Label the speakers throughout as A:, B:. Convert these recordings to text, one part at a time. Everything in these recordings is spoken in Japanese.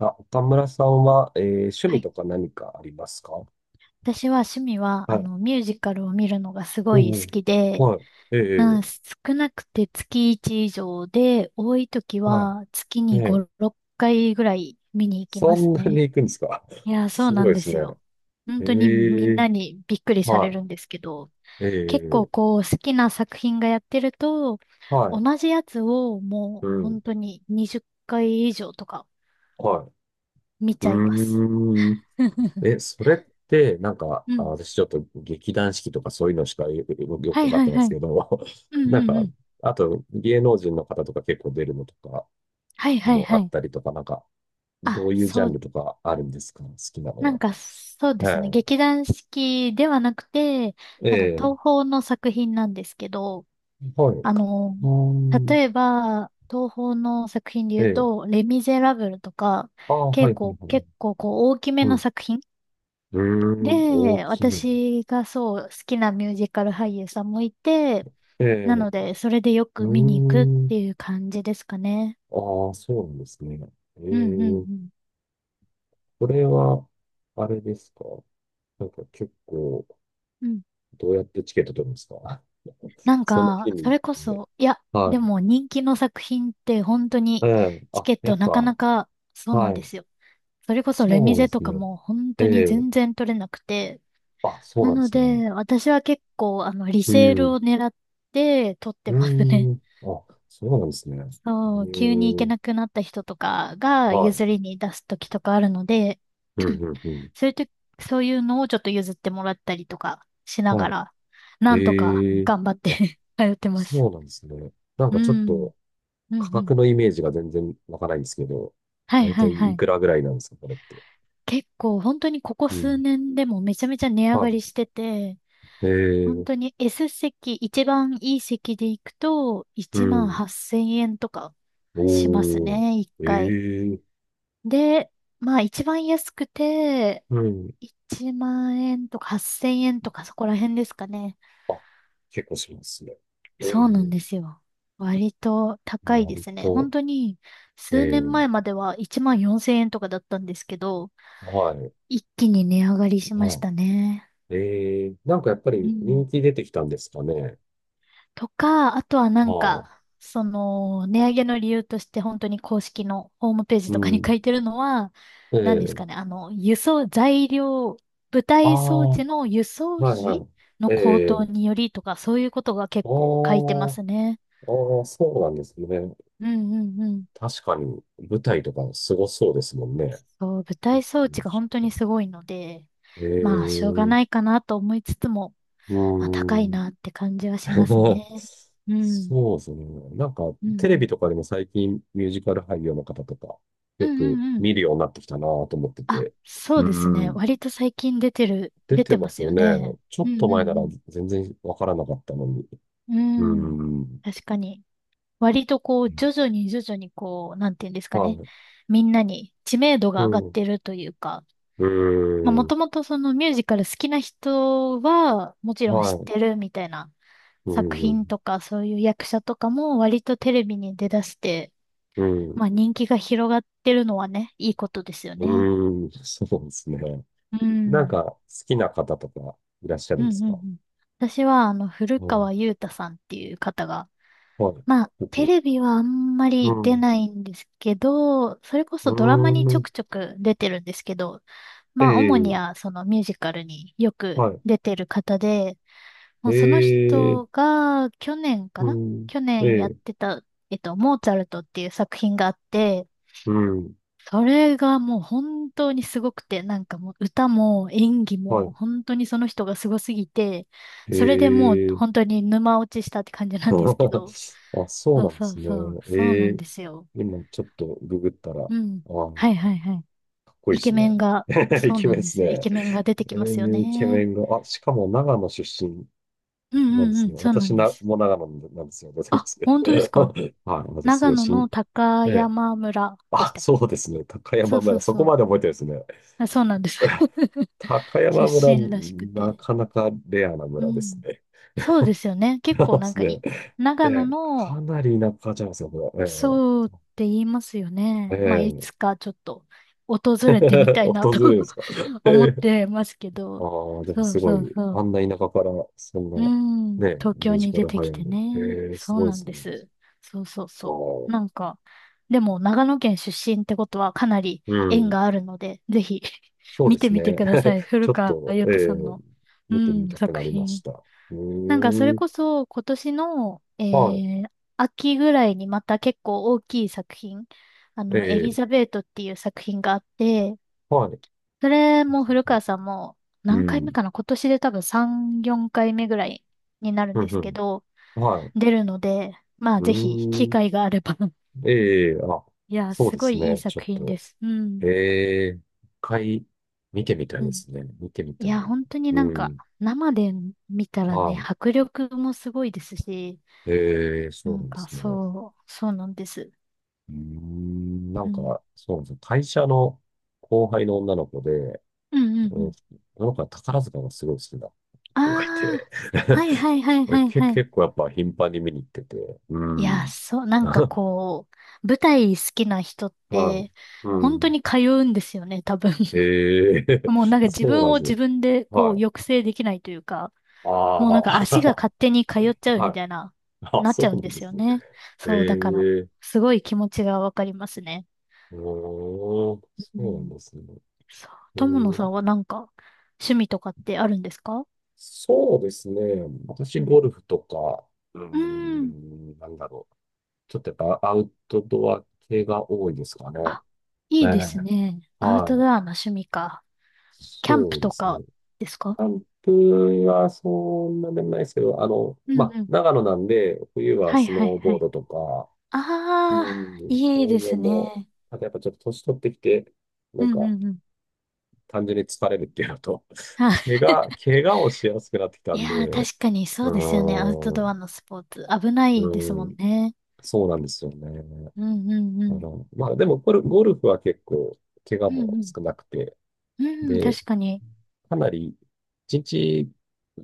A: あ、岡村さんは、趣
B: は
A: 味
B: い。
A: とか何かありますか？
B: 私は趣味は、
A: はい。
B: ミュージカルを見るのがすご
A: お
B: い好
A: お、
B: きで、
A: はい。ええ、え
B: 少なくて月1以上で、多い時
A: え、はい。
B: は月
A: え
B: に5、
A: え、
B: 6回ぐらい見に行きま
A: そ
B: す
A: んなに
B: ね。
A: 行くんですか？
B: い や、そう
A: す
B: な
A: ご
B: ん
A: いで
B: で
A: す
B: す
A: ね。
B: よ。本当にみ
A: え
B: ん
A: え、
B: なにびっくりされ
A: は
B: るんですけど、
A: い。え
B: 結構
A: え、
B: こう好きな作品がやってると、
A: はい。
B: 同じやつをも
A: う
B: う
A: ん。
B: 本当に20回以上とか
A: は
B: 見
A: い。
B: ち
A: う
B: ゃいます。
A: ーん。え、それって、なんか、
B: う
A: あ、
B: ん。
A: 私ちょっと劇団四季とかそういうのしかよ
B: は
A: く
B: い
A: わかっ
B: は
A: て
B: い
A: ないで
B: は
A: すけ
B: い。
A: ど、
B: うん
A: なん
B: うんう
A: か、
B: ん。
A: あと芸能人の方とか結構出るのとか
B: はいはい
A: もあ
B: は
A: っ
B: い。
A: たりとか、なんか、ど
B: あ、
A: ういうジャ
B: そ
A: ン
B: う、
A: ルとかあるんですか、好きなの
B: なん
A: は？
B: かそうですね。
A: は
B: 劇団四季ではなくて、
A: い。え
B: なんか
A: え、
B: 東宝の作品なんですけど、
A: はい。う
B: あの、
A: ーん。
B: 例えば、東宝の作品で
A: え
B: 言う
A: え。
B: と、レ・ミゼラブルとか、
A: ああ、は
B: 結
A: い、はい、は
B: 構、
A: い。
B: 結構こう大きめ
A: う
B: の
A: ん。
B: 作品
A: うーん、大
B: で、
A: きめ。
B: 私がそう好きなミュージカル俳優さんもいて、
A: ええ、
B: な
A: う
B: ので、それでよ
A: ー
B: く見に行くっ
A: ん。
B: ていう感じですかね。
A: ああ、そうなんですね。え
B: うんうんう
A: え、
B: ん。
A: これは、あれですか？なんか結構、
B: うん、
A: どうやってチケット取るんですか？
B: なん
A: その
B: か、
A: 日
B: そ
A: に
B: れこ
A: 行って。
B: そ、いや、
A: は
B: で
A: い。
B: も人気の作品って本当
A: え
B: に
A: え、
B: チ
A: あ、
B: ケッ
A: や
B: ト
A: っ
B: なか
A: ぱ、
B: なか、そうなん
A: は
B: で
A: い。
B: すよ。それこそレ
A: そ
B: ミ
A: うなんで
B: ゼと
A: す
B: か
A: ね。
B: も本
A: え
B: 当に
A: え、
B: 全然取れなくて。
A: あ、そう
B: な
A: なんで
B: の
A: すね。
B: で、私は結構、リ
A: う
B: セール
A: ん。
B: を狙って取っ
A: う
B: て
A: ー
B: ますね。
A: ん。あ、そうなんですね。へ
B: そう、急に行け
A: え。
B: なくなった人とかが
A: はい。
B: 譲りに出す時とかあるので、
A: うんうんうん。
B: そういうと、そういうのをちょっと譲ってもらったりとかしな
A: は
B: が
A: い。
B: ら、なんとか
A: へえ。
B: 頑張って
A: あ、
B: 通ってます。
A: そうなんですね。なん
B: う
A: かちょっ
B: ん。
A: と
B: う
A: 価
B: んう
A: 格
B: ん。
A: のイメージが全然わからないんですけど、
B: はい
A: だい
B: は
A: たい
B: いは
A: い
B: い。
A: くらぐらいなんですか、これって？
B: 結構本当にここ
A: う
B: 数
A: ん。
B: 年でもめちゃめちゃ値上
A: は
B: がりしてて、
A: い。へ
B: 本当
A: え。
B: に S 席、一番いい席で行くと
A: う
B: 1万
A: ん。
B: 8000円とかします
A: おー。
B: ね、一回。
A: ええ。
B: で、まあ一番安くて
A: うん。
B: 1万円とか8000円とかそこら辺ですかね。
A: あ、結構しますね。え
B: そうなん
A: え。
B: ですよ。割と高いで
A: 割
B: すね。本
A: と。
B: 当に数
A: え
B: 年
A: え。
B: 前までは1万4000円とかだったんですけど、
A: はい。
B: 一気に値上がりしまし
A: は
B: たね。
A: い。ええ。なんかやっぱ
B: う
A: り
B: ん。
A: 人気出てきたんですかね？
B: とか、あとはな
A: あ
B: ん
A: あ、
B: か、値上げの理由として本当に公式のホームページ
A: う
B: とかに書
A: ん。
B: いてるのは、
A: え
B: 何です
A: え、
B: かね、輸送、材料、舞
A: あ
B: 台装
A: あ、は
B: 置の輸送
A: いは
B: 費
A: い。
B: の
A: え
B: 高騰
A: え、
B: によりとか、そういうことが
A: あ
B: 結
A: あ、
B: 構書いてますね。
A: ああ、そうなんですね。
B: うんうんうん。
A: 確かに、舞台とかすごそうですもんね。
B: そう、舞
A: 結
B: 台装置
A: 婚
B: が
A: 式
B: 本当
A: か、
B: にすごいので、
A: え
B: まあ、しょうが
A: え、う
B: ないかなと思いつつも、まあ、高
A: ー
B: い
A: ん。
B: なって感じはしますね。うん。
A: そうですね。なんか、
B: うんう
A: テレビ
B: ん。
A: とかでも最近ミュージカル俳優の方とか、
B: う
A: よ
B: んう
A: く
B: んうん。
A: 見るようになってきたなと思って
B: あ、
A: て。
B: そ
A: う
B: うです
A: ー
B: ね。
A: ん。
B: 割と最近
A: 出
B: 出
A: て
B: てま
A: ます
B: す
A: よ
B: よ
A: ね。
B: ね。
A: ちょ
B: う
A: っと
B: んう
A: 前なら
B: ん
A: 全然わからなかったのに。
B: う
A: うー
B: ん。うん。
A: ん。
B: 確かに。割とこう、徐々に徐々にこう、なんていうんですか
A: は
B: ね。
A: い。
B: みんなに知名度
A: う
B: が上がっ
A: ん。う
B: てるというか、
A: ー
B: まあも
A: ん。
B: ともとそのミュージカル好きな人は、もちろん知
A: は
B: っ
A: い。
B: てるみたいな
A: う
B: 作品
A: ん。
B: とか、そういう役者とかも割とテレビに出だして、
A: うん。
B: まあ人気が広がってるのはね、いいことですよね。
A: うん。そうですね。
B: う
A: なん
B: ん。
A: か、好きな方とかいらっしゃる
B: う
A: ん
B: ん
A: で
B: う
A: す
B: んう
A: か？
B: ん。私は、古
A: うん。
B: 川雄太さんっていう方が、
A: はい。
B: まあ、テ
A: 僕。
B: レビはあんま
A: う
B: り出
A: ん。
B: ないんですけど、それこ
A: う
B: そ
A: ー
B: ドラマにちょ
A: ん。
B: くちょく出てるんですけど、
A: え
B: まあ、主に
A: え。
B: はそのミュージカルによく
A: は
B: 出てる方で、
A: い。
B: もうその
A: ええ。
B: 人が去年か
A: う
B: な、
A: ん。
B: 去
A: え
B: 年やっ
A: え。
B: てた、モーツァルトっていう作品があって、
A: うん。
B: それがもう本当にすごくて、なんかもう歌も演技
A: は
B: も
A: い。
B: 本当にその人がすごすぎて、
A: え
B: それでもう
A: え。
B: 本当に沼落ちしたって感じなんですけど。
A: あ、そう
B: そう
A: なんで
B: そう
A: すね。
B: そう、そう
A: え
B: なん
A: え。
B: ですよ。
A: 今、ちょっとググったら、あ、か
B: うん。はいはいはい。
A: っこいい
B: イ
A: で
B: ケ
A: す
B: メ
A: ね。
B: ンが、
A: イ
B: そう
A: ケメ
B: な
A: ン
B: ん
A: で
B: で
A: す
B: すよ。イ
A: ね。
B: ケメンが出てき
A: え
B: ますよ
A: え、イケメ
B: ね。
A: ンが、あ、しかも長野出身
B: う
A: な
B: ん
A: んで
B: うんう
A: す
B: ん、
A: ね。
B: そうな
A: 私
B: んで
A: な、
B: す。
A: もう長野なんですよ。出てま
B: あ、
A: すけ
B: 本当です
A: ど。
B: か？
A: はい、私すご
B: 長
A: い
B: 野
A: 新、
B: の高
A: ええ、
B: 山村でし
A: あ、
B: たっ
A: そ
B: け？
A: うですね。高
B: そ
A: 山
B: うそ
A: 村、
B: う
A: そこ
B: そ
A: ま
B: う。
A: で覚えてるんですね。
B: あ、そうなんです。
A: 高
B: 出
A: 山村、
B: 身らしく
A: な
B: て。
A: かなかレアな
B: う
A: 村です
B: ん。
A: ね。
B: そうですよね。結
A: そう
B: 構
A: で
B: なん
A: す
B: か
A: ね。
B: い、
A: え
B: 長野
A: え、
B: の、
A: かなり田舎じゃないですか、これ？
B: そうって言いますよね。まあ、い
A: ええ、
B: つ
A: え
B: かちょっと訪
A: え、
B: れてみ たいな
A: 訪
B: と
A: れるんですか？
B: 思っ
A: ええ、
B: てますけ
A: あ
B: ど。
A: あ、でも
B: そう
A: すご
B: そう
A: い、
B: そ
A: あ
B: う。
A: んな田舎から、そん
B: う
A: な、
B: ん。
A: ね、
B: 東
A: ミュ
B: 京
A: ージ
B: に
A: カ
B: 出
A: ル
B: て
A: 早
B: き
A: い
B: て
A: の。
B: ね。
A: ええ、す
B: そう
A: ごいで
B: なん
A: す
B: で
A: ね。
B: す。そうそう
A: あ
B: そ
A: あ。
B: う。なんか、でも長野県出身ってことはかなり
A: う
B: 縁
A: ん。
B: があるので、ぜひ
A: そうで
B: 見て
A: す
B: みて
A: ね。
B: ください。古
A: ちょっ
B: 川
A: と、
B: 雄斗さんの、う
A: 見てみ
B: ん、
A: たく
B: 作
A: なりまし
B: 品。
A: た。う
B: なんかそれ
A: ーん。
B: こそ今年の、
A: は
B: ー秋ぐらいにまた結構大きい作品、エリ
A: い。
B: ザベートっていう作品があって、
A: はい。
B: それも古川さんも
A: う
B: 何回目
A: ん。
B: かな、今年で多分3、4回目ぐらいになるん
A: うん、
B: で
A: う
B: すけ
A: ん。
B: ど、
A: はい。
B: 出るので、まあ
A: う
B: ぜひ機
A: ーん。
B: 会があれば。
A: ええ、あ、
B: いや、
A: そう
B: す
A: で
B: ご
A: す
B: いいい
A: ね。ちょ
B: 作
A: っ
B: 品で
A: と、
B: す。うん。
A: ええ、一回見てみたい
B: う
A: で
B: ん。
A: すね。見てみた
B: いや、
A: い。
B: 本当になん
A: う
B: か
A: ん。
B: 生で見たらね、
A: は
B: 迫力もすごいですし、
A: い。ええ、
B: な
A: そうな
B: ん
A: んで
B: か
A: すね。
B: そう、そうなんです。
A: うーん。な
B: う
A: ん
B: ん
A: か、そうなんですよ。会社の後輩の女の子で、
B: うんうんう
A: うん、
B: ん。
A: 僕は宝塚がすごい好きな
B: あ
A: 子がいて、
B: あ、はいはいはいは い
A: け、
B: はい。
A: 結構やっぱ頻繁に見に行ってて、う
B: いや、
A: ん。
B: そう、なんか
A: は
B: こう、舞台好きな人っ
A: い。
B: て、
A: う
B: 本当
A: ん。
B: に通うんですよね、多分。
A: ええ
B: もうなんか 自
A: そうな
B: 分
A: ん
B: を
A: です
B: 自
A: よ。
B: 分でこう
A: は
B: 抑
A: い。
B: 制できないというか、
A: あ
B: もうなん
A: あ、
B: か足が勝手に通っち ゃう
A: は
B: み
A: い。
B: たいな、
A: あ、
B: なっち
A: そ
B: ゃう
A: う
B: ん
A: な
B: で
A: んで
B: すよ
A: すね。
B: ね。そう、だから、
A: ええ、
B: すごい気持ちがわかりますね。
A: うーん、そ
B: う
A: うなん
B: ん。
A: ですね。
B: そう。
A: う
B: 友野さん
A: ん、
B: はなんか、趣味とかってあるんですか？
A: そうですね。私、
B: うん。
A: ゴルフとか、うー
B: うん。
A: ん、なんだろう。ちょっとやっぱアウトドア系が多いですかね。
B: あ、い
A: え
B: いです
A: え、
B: ね。アウトド
A: は
B: ア
A: い。
B: の趣味か。キャン
A: そ
B: プ
A: うで
B: と
A: す
B: か
A: ね。
B: ですか？
A: 関東はそんなでもないですけど、あの、
B: う
A: ま
B: ん
A: あ、
B: うん。
A: 長野なんで、冬は
B: はい
A: ス
B: はい
A: ノー
B: は
A: ボー
B: い。
A: ドとか、う
B: ああ、
A: ん、
B: いい
A: そういう
B: で
A: の
B: す
A: も、
B: ね。
A: あとやっぱちょっと年取ってきて、な
B: う
A: ん
B: んう
A: か、
B: んうん。
A: 単純に疲れるっていうのと、
B: あ、
A: 怪我をしやすくなってきた
B: い
A: んで、
B: やー、
A: う
B: 確かにそうですよね。アウト
A: ー
B: ドア
A: ん、
B: のスポーツ。危ないです
A: う
B: もん
A: ん、
B: ね。
A: そうなんですよね。
B: うんうんう
A: あ
B: ん。
A: の、まあ、でも、ゴルフは結構、怪我
B: うんう
A: も
B: ん。
A: 少なくて、
B: うん、
A: で、
B: 確かに。
A: かなり、一日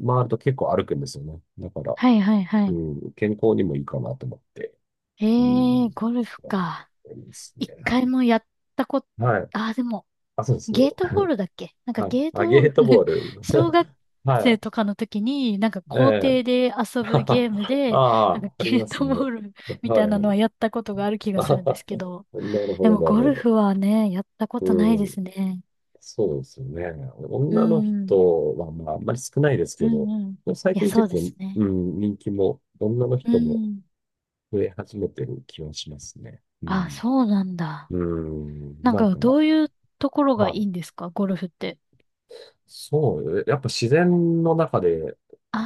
A: 回ると結構歩くんですよね。だから、
B: はいはいは
A: う
B: い。
A: ん、健康にもいいかなと思って。
B: え
A: う
B: ー、
A: ん。
B: ゴルフ
A: やっ
B: か。
A: てますね。
B: 一回もやったこと、
A: はい。
B: ああ、でも、
A: あ、そうですね。
B: ゲートボールだっけ、なんか
A: はい。
B: ゲート
A: あ、ゲ
B: ボ
A: ート
B: ー
A: ボー
B: ル
A: ル。
B: 小学 生
A: は
B: とかの時に、なんか
A: い。え
B: 校
A: え。
B: 庭で 遊ぶ
A: あ
B: ゲームで、なんか
A: あ、あり
B: ゲ
A: ま
B: ー
A: す
B: ト
A: ね。
B: ボール み
A: は
B: たいなのは
A: い。
B: やったことがある気 が
A: あ
B: す
A: は
B: るんで
A: は、
B: すけど、
A: なる
B: で
A: ほど、
B: も
A: なる
B: ゴ
A: ほ
B: ル
A: ど。
B: フはね、やったことない
A: う
B: で
A: ん。
B: すね。
A: そうですよね。
B: う
A: 女の
B: ん。
A: 人は、まあ、あんまり少ないです
B: う
A: け
B: ん
A: ど、
B: うん。
A: 最
B: いや、
A: 近
B: そ
A: 結
B: うです
A: 構、う
B: ね。
A: ん、人気も、女の
B: う
A: 人も
B: ん。
A: 増え始めてる気はしますね。う
B: あ、
A: ん。
B: そうなんだ。
A: うん。
B: なん
A: なん
B: か
A: か、
B: どういうところ
A: ま
B: がい
A: あ、
B: いんですか、ゴルフって。
A: そう、やっぱ自然の中で
B: あ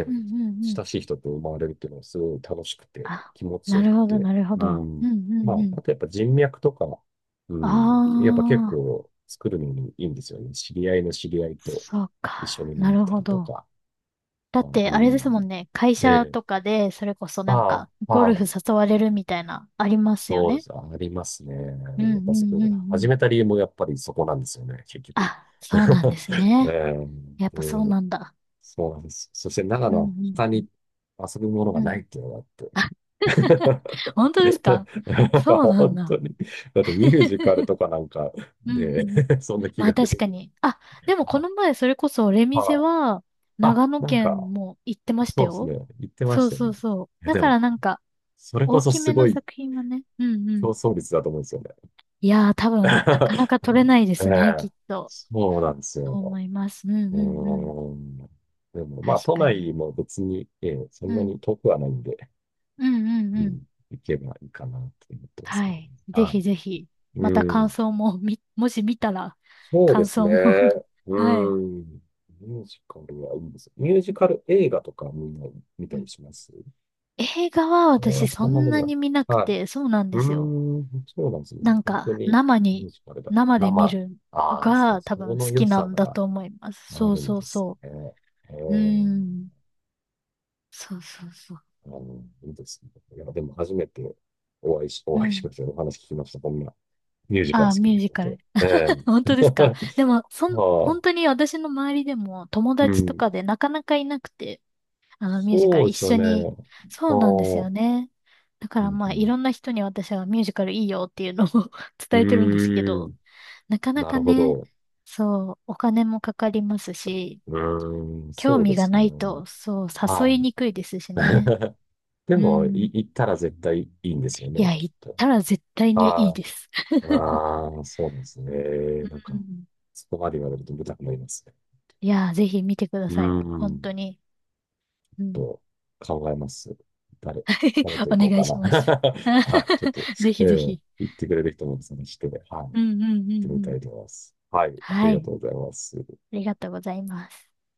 B: あ、うんうんうん。
A: 親しい人と生まれるっていうのはすごい楽しくて、
B: あ、
A: 気持ち
B: な
A: よ
B: る
A: く
B: ほど、
A: て。
B: なるほ
A: う
B: ど。う
A: ん。
B: んう
A: まあ、
B: んうん。
A: あとやっぱ人脈とか、う
B: あ
A: ん。やっぱ結
B: あ。
A: 構作るのにいいんですよね。知り合いの知り合いと
B: そう
A: 一緒
B: か。
A: に
B: な
A: なっ
B: る
A: た
B: ほ
A: りと
B: ど。
A: か。
B: だ
A: あ、
B: って、
A: う
B: あれですも
A: ん。
B: んね。会社
A: ええ。
B: とかで、それこそなん
A: あ
B: か、
A: あ、
B: ゴル
A: あ
B: フ
A: あ。
B: 誘われるみたいな、ありますよ
A: そうで
B: ね。
A: す。ありますね。
B: うんう
A: やっぱ
B: ん
A: そ
B: うんう
A: 始
B: ん。
A: めた理由もやっぱりそこなんですよね、結局。
B: あ、そうなんで す
A: え
B: ね。やっぱそう
A: で、
B: なんだ。
A: そうなんです。そして長
B: うん
A: 野
B: う
A: は
B: ん
A: 他
B: うん。
A: に遊ぶものが
B: う
A: な
B: ん。
A: いっていうのがあって。
B: 本当ですか？そ うなん
A: 本
B: だ。
A: 当に。だってミュージカルとかなんか
B: うんうん
A: で、
B: うん。
A: そんな気
B: ま
A: が
B: あ
A: 出
B: 確
A: る
B: かに。あ、でもこ
A: な。
B: の前、それこそ、レミゼ
A: あ、
B: は、長野
A: なんか、
B: 県も行ってました
A: そうです
B: よ。
A: ね。言ってま
B: そ
A: し
B: う
A: たよ
B: そう
A: ね。
B: そう。
A: え、
B: だ
A: で
B: か
A: も、
B: らなんか、
A: それこ
B: 大
A: そ
B: き
A: す
B: めの
A: ごい
B: 作品はね。うんう
A: 競
B: ん。
A: 争率だと思うんですよね。
B: いやー、多 分、なかなか取れないで
A: え
B: すね、き
A: え、
B: っと。
A: そうなんです
B: と思
A: よ。
B: います。うんう
A: う
B: んうん。
A: ーん。でも、まあ、
B: 確
A: 都
B: か
A: 内
B: に。
A: も別に、ええ、そ
B: う
A: んな
B: ん。
A: に遠くはないんで、
B: うんうん
A: う
B: うん。
A: ん、行けばいいかなって思ってます
B: は
A: けどね。
B: い。ぜ
A: は
B: ひぜひ、
A: い。
B: また
A: う
B: 感
A: ん。
B: 想も、もし見たら、
A: そうで
B: 感
A: す
B: 想
A: ね。
B: も。 は
A: う
B: い。
A: ん。ミュージカルはいいです。ミュージカル映画とかみんな見た
B: う
A: り
B: ん、
A: します？
B: 映画は
A: え
B: 私そ
A: そんな
B: ん
A: の
B: な
A: が。
B: に見なく
A: はい。
B: て、そうなんで
A: う
B: すよ。
A: ーん、そうなんですね。
B: なん
A: 本当
B: か、
A: にミュージカルだ。
B: 生で見
A: 生。
B: るの
A: ああ、そ、
B: が多
A: そ
B: 分好
A: の良
B: きな
A: さ
B: んだ
A: が
B: と思います。
A: あ
B: そう
A: るん
B: そう
A: です
B: そ
A: ね。え
B: う。う
A: ー、
B: ん。そうそうそう。
A: あの、いいですね。いや、でも初めてお会いし、お
B: う
A: 会いし
B: ん。
A: ましたよ。お話聞きました。こんなミュージカル
B: あー、
A: 好き
B: ミュ
A: な
B: ージ
A: 人
B: カル。
A: と。え
B: 本
A: え
B: 当ですか？でも、
A: ま
B: 本
A: あ、
B: 当に私の周りでも友
A: う
B: 達と
A: ん。
B: かでなかなかいなくて、あのミュージカ
A: そ
B: ル
A: う
B: 一
A: ですよ
B: 緒
A: ね。
B: に。そ
A: あ
B: う
A: あ、
B: なんですよね。だか
A: う
B: ら
A: ん
B: ま
A: う
B: あい
A: ん。
B: ろんな人に私はミュージカルいいよっていうのを
A: う
B: 伝えてるんですけ
A: ー
B: ど、
A: ん。
B: なかな
A: な
B: か
A: るほ
B: ね、
A: ど。
B: そう、お金もかかりますし、
A: うーん。
B: 興
A: そうで
B: 味が
A: すね。
B: ないと、そう、誘
A: は
B: いに
A: い。
B: くいですしね。
A: で
B: う
A: も、い、
B: ん。
A: 行ったら絶対いいんですよね、
B: いや、
A: きっ
B: 行っ
A: と。
B: たら絶対にい
A: あ
B: い
A: あ、
B: です。
A: ああ、そうなんです ね。なん
B: う
A: か、
B: ん、
A: そこまで言われると見たくなりますね。
B: いや、ぜひ見てくだ
A: うー
B: さい。本
A: ん。
B: 当に。うん。
A: と考えます。誰、誰 と行
B: お
A: こ
B: 願
A: うか
B: い
A: な。
B: します。
A: はい。ちょっと、
B: ぜひぜひ。
A: 言ってくれる人も探して、はい。行っ
B: うんうんうんう
A: てみた
B: ん。
A: いと思います。はい。あり
B: は
A: が
B: い。
A: とうございます。
B: ありがとうございます。